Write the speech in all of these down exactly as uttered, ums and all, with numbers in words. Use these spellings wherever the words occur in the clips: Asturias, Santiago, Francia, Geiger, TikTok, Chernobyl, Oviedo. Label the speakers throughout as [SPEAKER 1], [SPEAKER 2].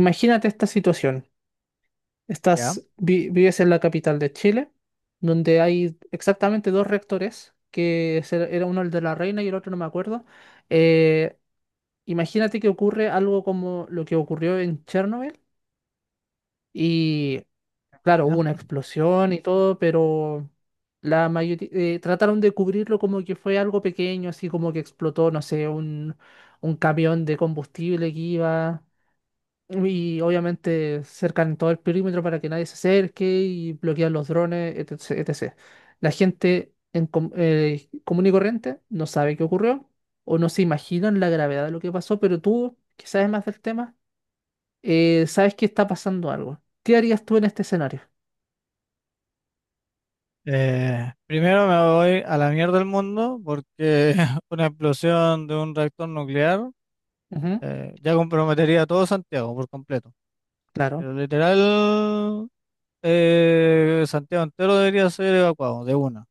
[SPEAKER 1] Imagínate esta situación.
[SPEAKER 2] Ya,
[SPEAKER 1] Estás, vi- vives en la capital de Chile, donde hay exactamente dos reactores, que es el- era uno el de la Reina y el otro no me acuerdo. Eh, Imagínate que ocurre algo como lo que ocurrió en Chernobyl. Y claro, hubo
[SPEAKER 2] ya.
[SPEAKER 1] una explosión y todo, pero la mayoría trataron de cubrirlo como que fue algo pequeño, así como que explotó, no sé, un, un camión de combustible que iba. Y obviamente cercan todo el perímetro para que nadie se acerque y bloquean los drones, etcétera etcétera. La gente en com- eh, común y corriente no sabe qué ocurrió o no se imaginan la gravedad de lo que pasó, pero tú, que sabes más del tema, eh, sabes que está pasando algo. ¿Qué harías tú en este escenario?
[SPEAKER 2] Eh, primero me voy a la mierda del mundo porque una explosión de un reactor nuclear
[SPEAKER 1] Ujú.
[SPEAKER 2] eh, ya comprometería a todo Santiago por completo.
[SPEAKER 1] Claro,
[SPEAKER 2] Pero literal, eh, Santiago entero debería ser evacuado de una,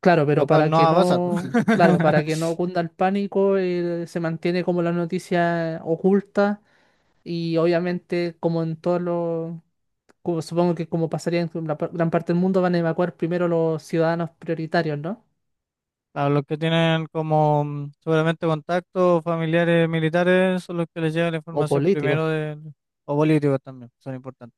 [SPEAKER 1] claro, pero
[SPEAKER 2] lo cual
[SPEAKER 1] para
[SPEAKER 2] no
[SPEAKER 1] que
[SPEAKER 2] va a pasar.
[SPEAKER 1] no, claro, para que no cunda el pánico, eh, se mantiene como la noticia oculta y obviamente como en todos los como- supongo que como pasaría en la par- gran parte del mundo, van a evacuar primero los ciudadanos prioritarios, ¿no?
[SPEAKER 2] Claro, los que tienen como mm, seguramente contactos familiares militares son los que les llega la
[SPEAKER 1] O
[SPEAKER 2] información
[SPEAKER 1] políticos.
[SPEAKER 2] primero de, o políticos también, son importantes.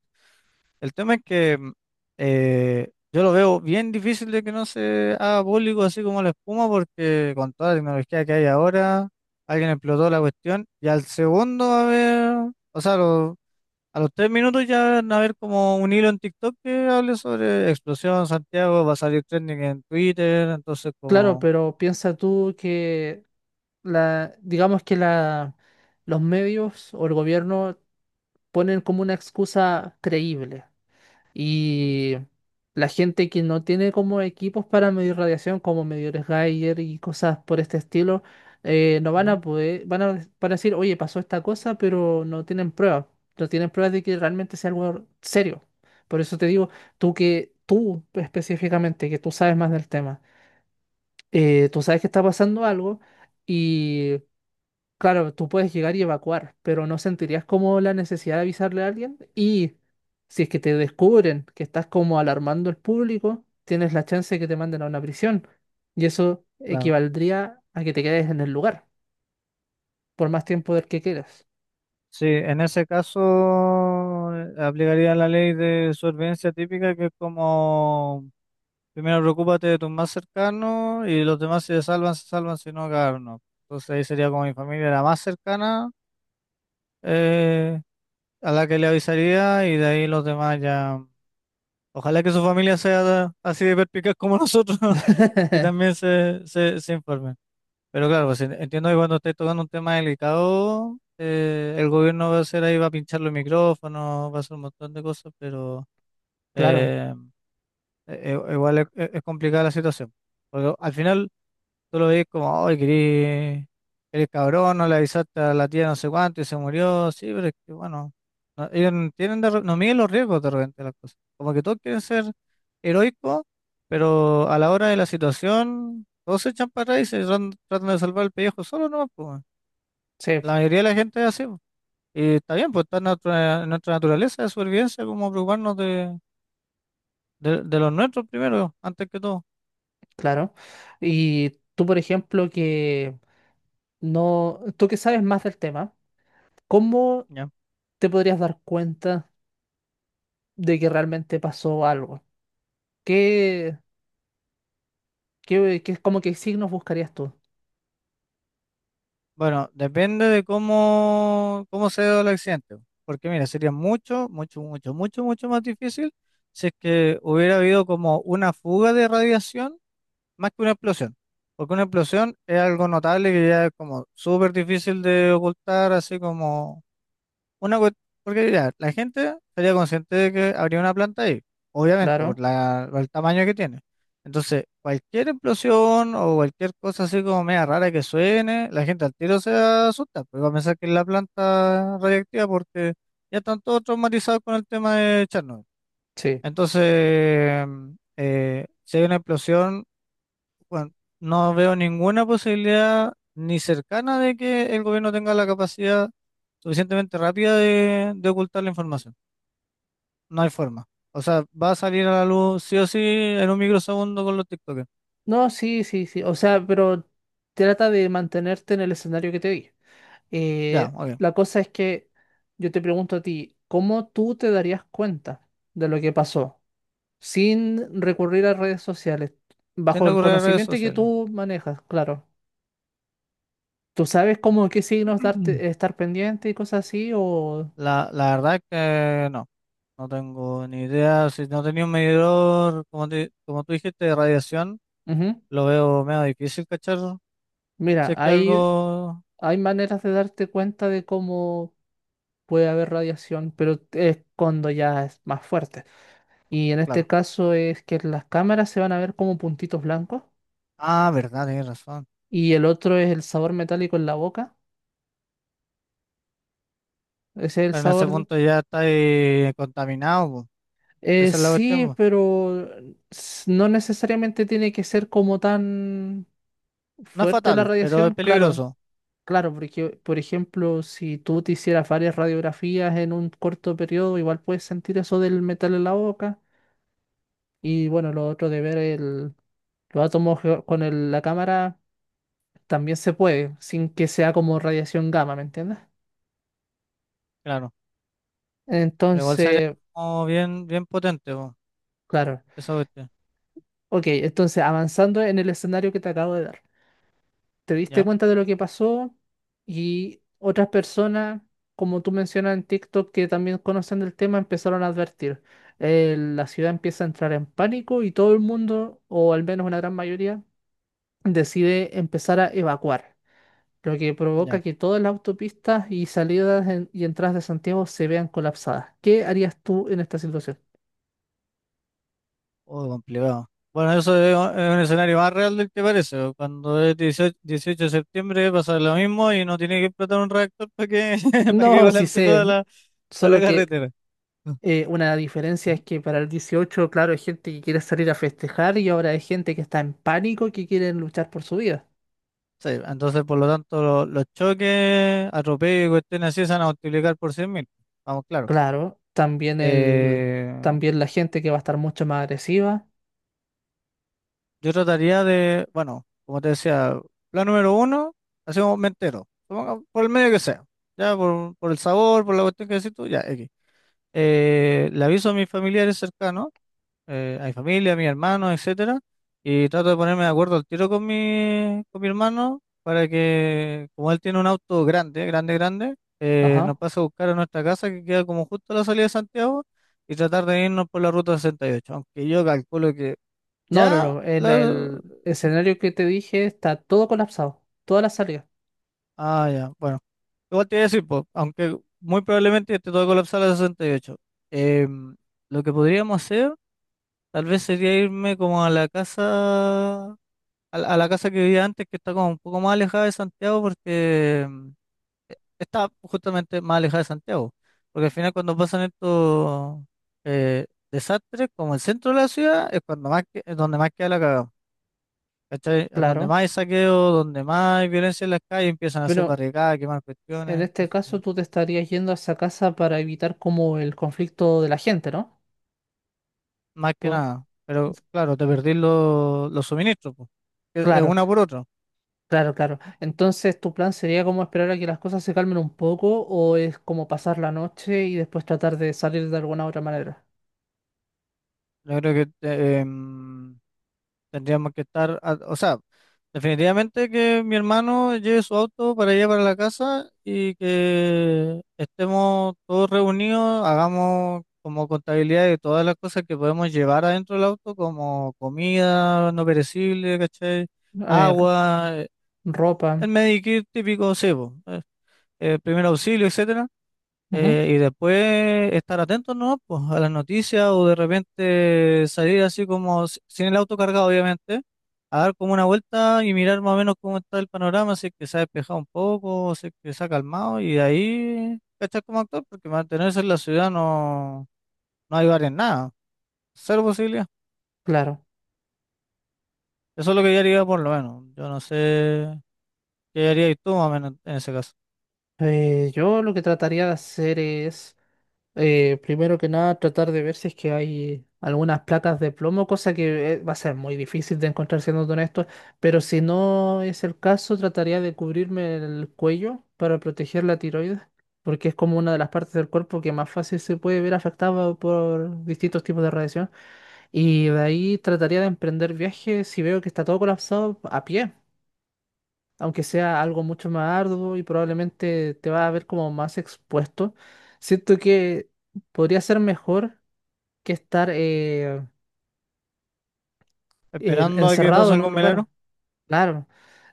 [SPEAKER 2] El tema es que mm, eh, yo lo veo bien difícil de que no se haga público así como la espuma, porque con toda la tecnología que hay ahora, alguien explotó la cuestión y al segundo va a haber, o sea, lo- a los tres minutos ya van a haber como un hilo en TikTok que hable sobre explosión Santiago, va a salir trending en Twitter, entonces
[SPEAKER 1] Claro,
[SPEAKER 2] como...
[SPEAKER 1] pero piensa tú que la, digamos que la, los medios o el gobierno ponen como una excusa creíble. Y la gente que no tiene como equipos para medir radiación, como medidores Geiger y cosas por este estilo, eh, no van a
[SPEAKER 2] Ujú.
[SPEAKER 1] poder, van a, van a decir, oye, pasó esta cosa, pero no tienen pruebas. No tienen pruebas de que realmente sea algo serio. Por eso te digo, tú que, tú específicamente, que tú sabes más del tema, eh, tú sabes que está pasando algo y claro, tú puedes llegar y evacuar, pero no sentirías como la necesidad de avisarle a alguien. Y si es que te descubren que estás como alarmando al público, tienes la chance de que te manden a una prisión. Y eso
[SPEAKER 2] Claro.
[SPEAKER 1] equivaldría a que te quedes en el lugar por más tiempo del que quieras.
[SPEAKER 2] Sí, en ese caso eh, aplicaría la ley de supervivencia típica, que es como primero preocúpate de tus más cercanos y los demás si se salvan, se salvan, si no, cagaron, no. Entonces ahí sería como mi familia la más cercana eh, a la que le avisaría y de ahí los demás ya. Ojalá que su familia sea así de perspicaz como nosotros y también se, se, se informen. Pero claro, pues en- entiendo que cuando estáis tocando un tema delicado, eh, el gobierno va a hacer ahí, va a pinchar los micrófonos, va a hacer un montón de cosas, pero
[SPEAKER 1] Claro,
[SPEAKER 2] eh, e- e- igual es, es- es complicada la situación. Porque al final, tú lo ves como, ay, querés, eres cabrón, no le avisaste a la tía no sé cuánto y se murió. Sí, pero es que bueno, no, ellos no tienen de re- no miden los riesgos de repente las cosas. Como que todos quieren ser heroicos, pero a la hora de la situación, todos se echan para atrás y se tran- tratan de salvar el pellejo solo, ¿no? Pues, weón,
[SPEAKER 1] sí,
[SPEAKER 2] la mayoría de la gente es así, po. Y está bien, pues está en nuestra, en nuestra naturaleza de supervivencia, como preocuparnos de, de, de los nuestros primero, antes que todo.
[SPEAKER 1] claro. Y tú, por ejemplo, que no, tú que sabes más del tema, ¿cómo te podrías dar cuenta de que realmente pasó algo? ¿Qué, ¿Qué, qué, ¿como que signos buscarías tú?
[SPEAKER 2] Bueno, depende de cómo, cómo se dio el accidente. Porque mira, sería mucho, mucho, mucho, mucho, mucho más difícil si es que hubiera habido como una fuga de radiación más que una explosión. Porque una explosión es algo notable que ya es como súper difícil de ocultar, así como una cue- porque mira, la gente sería consciente de que habría una planta ahí, obviamente, por
[SPEAKER 1] Claro,
[SPEAKER 2] la, por el tamaño que tiene. Entonces, cualquier explosión o cualquier cosa así como media rara que suene, la gente al tiro se asusta, porque va a pensar que es la planta radiactiva porque ya están todos traumatizados con el tema de Chernobyl.
[SPEAKER 1] sí.
[SPEAKER 2] Entonces, eh, si hay una explosión, bueno, no veo ninguna posibilidad ni cercana de que el gobierno tenga la capacidad suficientemente rápida de, de ocultar la información. No hay forma. O sea, va a salir a la luz sí o sí en un microsegundo con los TikTokers.
[SPEAKER 1] No, sí, sí, sí. O sea, pero trata de mantenerte en el escenario que te di.
[SPEAKER 2] Ya,
[SPEAKER 1] Eh,
[SPEAKER 2] ok.
[SPEAKER 1] la cosa es que yo te pregunto a ti, ¿cómo tú te darías cuenta de lo que pasó sin recurrir a redes sociales?
[SPEAKER 2] Sin
[SPEAKER 1] Bajo el
[SPEAKER 2] ocurrir a redes
[SPEAKER 1] conocimiento que
[SPEAKER 2] sociales.
[SPEAKER 1] tú manejas, claro. ¿Tú sabes cómo qué signos darte, estar pendiente y cosas así? O...
[SPEAKER 2] La, la verdad es que no, no tengo ni idea. Si no tenía un medidor, como, te- como tú dijiste, de radiación,
[SPEAKER 1] Ujú.
[SPEAKER 2] lo veo medio difícil cachar. Si
[SPEAKER 1] Mira,
[SPEAKER 2] es que
[SPEAKER 1] hay,
[SPEAKER 2] algo,
[SPEAKER 1] hay maneras de darte cuenta de cómo puede haber radiación, pero es cuando ya es más fuerte. Y en este
[SPEAKER 2] claro.
[SPEAKER 1] caso es que las cámaras se van a ver como puntitos blancos
[SPEAKER 2] Ah, verdad, tienes razón.
[SPEAKER 1] y el otro es el sabor metálico en la boca. Ese es el
[SPEAKER 2] Pero en ese
[SPEAKER 1] sabor.
[SPEAKER 2] punto ya está ahí contaminado, po.
[SPEAKER 1] Eh,
[SPEAKER 2] Esa es la cuestión,
[SPEAKER 1] sí,
[SPEAKER 2] po.
[SPEAKER 1] pero s- no necesariamente tiene que ser como tan
[SPEAKER 2] No es
[SPEAKER 1] fuerte la
[SPEAKER 2] fatal, pero es
[SPEAKER 1] radiación, claro.
[SPEAKER 2] peligroso.
[SPEAKER 1] Claro, porque, por ejemplo, si tú te hicieras varias radiografías en un corto periodo, igual puedes sentir eso del metal en la boca. Y bueno, lo otro de ver el, los átomos ge- con el- la cámara también se puede, sin que sea como radiación gamma, ¿me entiendes?
[SPEAKER 2] Claro. Pero igual sería
[SPEAKER 1] Entonces,
[SPEAKER 2] como bien, bien potente, po,
[SPEAKER 1] claro.
[SPEAKER 2] esa cuestión.
[SPEAKER 1] Ok, entonces avanzando en el escenario que te acabo de dar. Te diste
[SPEAKER 2] Ya,
[SPEAKER 1] cuenta de lo que pasó y otras personas, como tú mencionas en TikTok, que también conocen del tema, empezaron a advertir. Eh, la ciudad empieza a entrar en pánico y todo el mundo, o al menos una gran mayoría, decide empezar a evacuar, lo que provoca
[SPEAKER 2] ya.
[SPEAKER 1] que todas las autopistas y salidas en- y entradas de Santiago se vean colapsadas. ¿Qué harías tú en esta situación?
[SPEAKER 2] Oh, complicado. Bueno, eso es un es un escenario más real del que parece, po. Cuando es dieciocho dieciocho de septiembre pasa lo mismo y no tiene que explotar un reactor para que, para que
[SPEAKER 1] No, sí
[SPEAKER 2] colapse
[SPEAKER 1] sé,
[SPEAKER 2] toda la, toda la
[SPEAKER 1] solo que
[SPEAKER 2] carretera. Ujú.
[SPEAKER 1] eh, una diferencia es que para el dieciocho, claro, hay gente que quiere salir a festejar y ahora hay gente que está en pánico que quiere luchar por su vida.
[SPEAKER 2] Sí, entonces por lo tanto lo- los choques, atropellos y cuestiones así se van a multiplicar por cien mil. Vamos, claro.
[SPEAKER 1] Claro, también el,
[SPEAKER 2] Eh,
[SPEAKER 1] también la gente que va a estar mucho más agresiva.
[SPEAKER 2] yo trataría de, bueno, como te decía, plan número uno, hacemos me entero, suponga- por el medio que sea, ya por, por el sabor, por la cuestión que decís tú, ya, X. Eh, le aviso a mis familiares cercanos, eh, a mi familia, a mis hermanos, etcétera, y trato de ponerme de acuerdo al tiro con mi, con mi hermano para que, como él tiene un auto grande, grande, grande, eh, nos
[SPEAKER 1] Ajá.
[SPEAKER 2] pase a buscar a nuestra casa que queda como justo a la salida de Santiago y tratar de irnos por la ruta sesenta y ocho, aunque yo calculo que
[SPEAKER 1] No, no,
[SPEAKER 2] ya.
[SPEAKER 1] no. En el escenario que te dije está todo colapsado, todas las salidas.
[SPEAKER 2] Ah, ya. Bueno, igual te voy a decir, po, aunque muy probablemente esté todo colapsado a las sesenta y ocho. em, lo que podríamos hacer, tal vez sería irme como a la casa, a, la a la casa que vivía antes, que está como un poco más alejada de Santiago, porque em, e- está justamente más alejada de Santiago. Porque al final cuando pasan estos eh, desastres, como el centro de la ciudad, es cuando más que- es donde más queda la cagada. ¿Cachai? A donde
[SPEAKER 1] Claro.
[SPEAKER 2] más hay saqueo, donde más hay violencia en las calles, empiezan a hacer
[SPEAKER 1] Pero
[SPEAKER 2] barricadas, quemar
[SPEAKER 1] en
[SPEAKER 2] cuestiones,
[SPEAKER 1] este
[SPEAKER 2] entonces,
[SPEAKER 1] caso, tú te estarías yendo a esa casa para evitar como el conflicto de la gente, ¿no?
[SPEAKER 2] más que
[SPEAKER 1] Por-
[SPEAKER 2] nada. Pero claro, te perdís los los suministros, pues. Es es
[SPEAKER 1] Claro,
[SPEAKER 2] una por otra.
[SPEAKER 1] claro, claro. Entonces, ¿tu plan sería como esperar a que las cosas se calmen un poco o es como pasar la noche y después tratar de salir de alguna otra manera?
[SPEAKER 2] Yo creo que eh, em, tendríamos que estar, a- o sea, definitivamente que mi hermano lleve su auto para allá para la casa y que estemos todos reunidos, hagamos como contabilidad de todas las cosas que podemos llevar adentro del auto, como comida no perecible, ¿cachai?
[SPEAKER 1] Eh, r-
[SPEAKER 2] Agua, eh,
[SPEAKER 1] Ropa.
[SPEAKER 2] el medikit típico, sebo, eh, eh, primer auxilio, etcétera.
[SPEAKER 1] Ujú.
[SPEAKER 2] Eh, y después estar atentos, ¿no? Pues a las noticias o de repente salir así como s- sin el auto cargado, obviamente, a dar como una vuelta y mirar más o menos cómo está el panorama, si es que se ha despejado un poco, si es que se ha calmado y de ahí cachar como actor, porque mantenerse en la ciudad no, no hay varias nada, cero posibilidad.
[SPEAKER 1] Claro.
[SPEAKER 2] Eso es lo que yo haría por lo menos. Yo no sé qué harías tú más o menos en ese caso.
[SPEAKER 1] Eh, yo lo que trataría de hacer es... Eh, primero que nada, tratar de ver si es que hay algunas placas de plomo, cosa que eh, va a ser muy difícil de encontrar siendo honesto, pero si no es el caso, trataría de cubrirme el cuello para proteger la tiroides, porque es como una de las partes del cuerpo que más fácil se puede ver afectada por distintos tipos de radiación. Y de ahí trataría de emprender viajes si veo que está todo colapsado a pie, aunque sea algo mucho más arduo y probablemente te va a ver como más expuesto, siento que podría ser mejor que estar eh, eh,
[SPEAKER 2] Esperando a que
[SPEAKER 1] encerrado
[SPEAKER 2] pase
[SPEAKER 1] en un
[SPEAKER 2] algún milagro.
[SPEAKER 1] lugar, claro.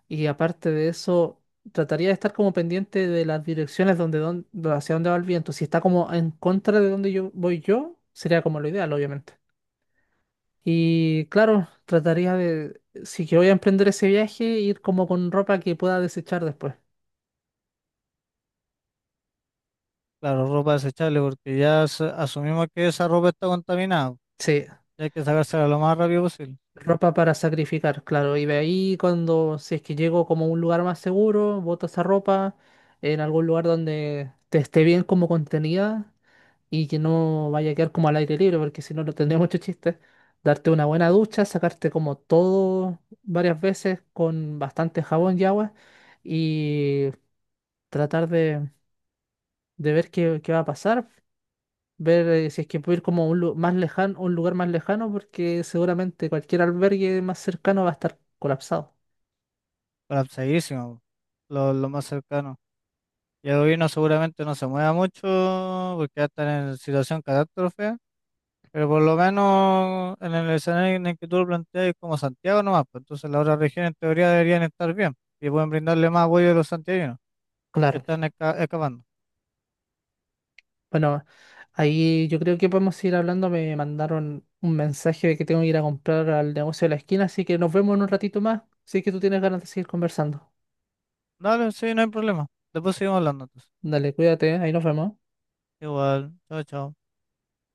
[SPEAKER 1] Y aparte de eso, trataría de estar como pendiente de las direcciones donde, don- do- hacia dónde va el viento. Si está como en contra de donde yo voy yo, sería como lo ideal, obviamente. Y claro, trataría de, si que voy a emprender ese viaje, ir como con ropa que pueda desechar después.
[SPEAKER 2] Claro, ropa desechable, porque ya as- asumimos que esa ropa está contaminada.
[SPEAKER 1] Sí,
[SPEAKER 2] Hay que sacársela lo más rápido posible,
[SPEAKER 1] ropa para sacrificar, claro. Y de ahí cuando, si es que llego como a un lugar más seguro, boto esa ropa en algún lugar donde te esté bien como contenida y que no vaya a quedar como al aire libre, porque si no, no tendría mucho chiste. Darte una buena ducha, sacarte como todo varias veces con bastante jabón y agua y tratar de, de ver qué, qué va a pasar, ver eh, si es que puedo ir como a un, lu- más lejano, un lugar más lejano, porque seguramente cualquier albergue más cercano va a estar colapsado.
[SPEAKER 2] para segurísimo, lo, lo más cercano. Y el gobierno seguramente no se mueva mucho porque ya están en situación catástrofe, pero por lo menos en el escenario en el que tú lo planteas es como Santiago nomás, pues entonces las otras regiones en teoría deberían estar bien y pueden brindarle más apoyo a los santiaguinos que
[SPEAKER 1] Claro.
[SPEAKER 2] están esca- escapando.
[SPEAKER 1] Bueno, ahí yo creo que podemos ir hablando. Me mandaron un mensaje de que tengo que ir a comprar al negocio de la esquina, así que nos vemos en un ratito más, si es que tú tienes ganas de seguir conversando.
[SPEAKER 2] Dale, sí, no hay problema. Después seguimos hablando entonces.
[SPEAKER 1] Dale, cuídate, ahí nos vemos.
[SPEAKER 2] Igual, chao, chao.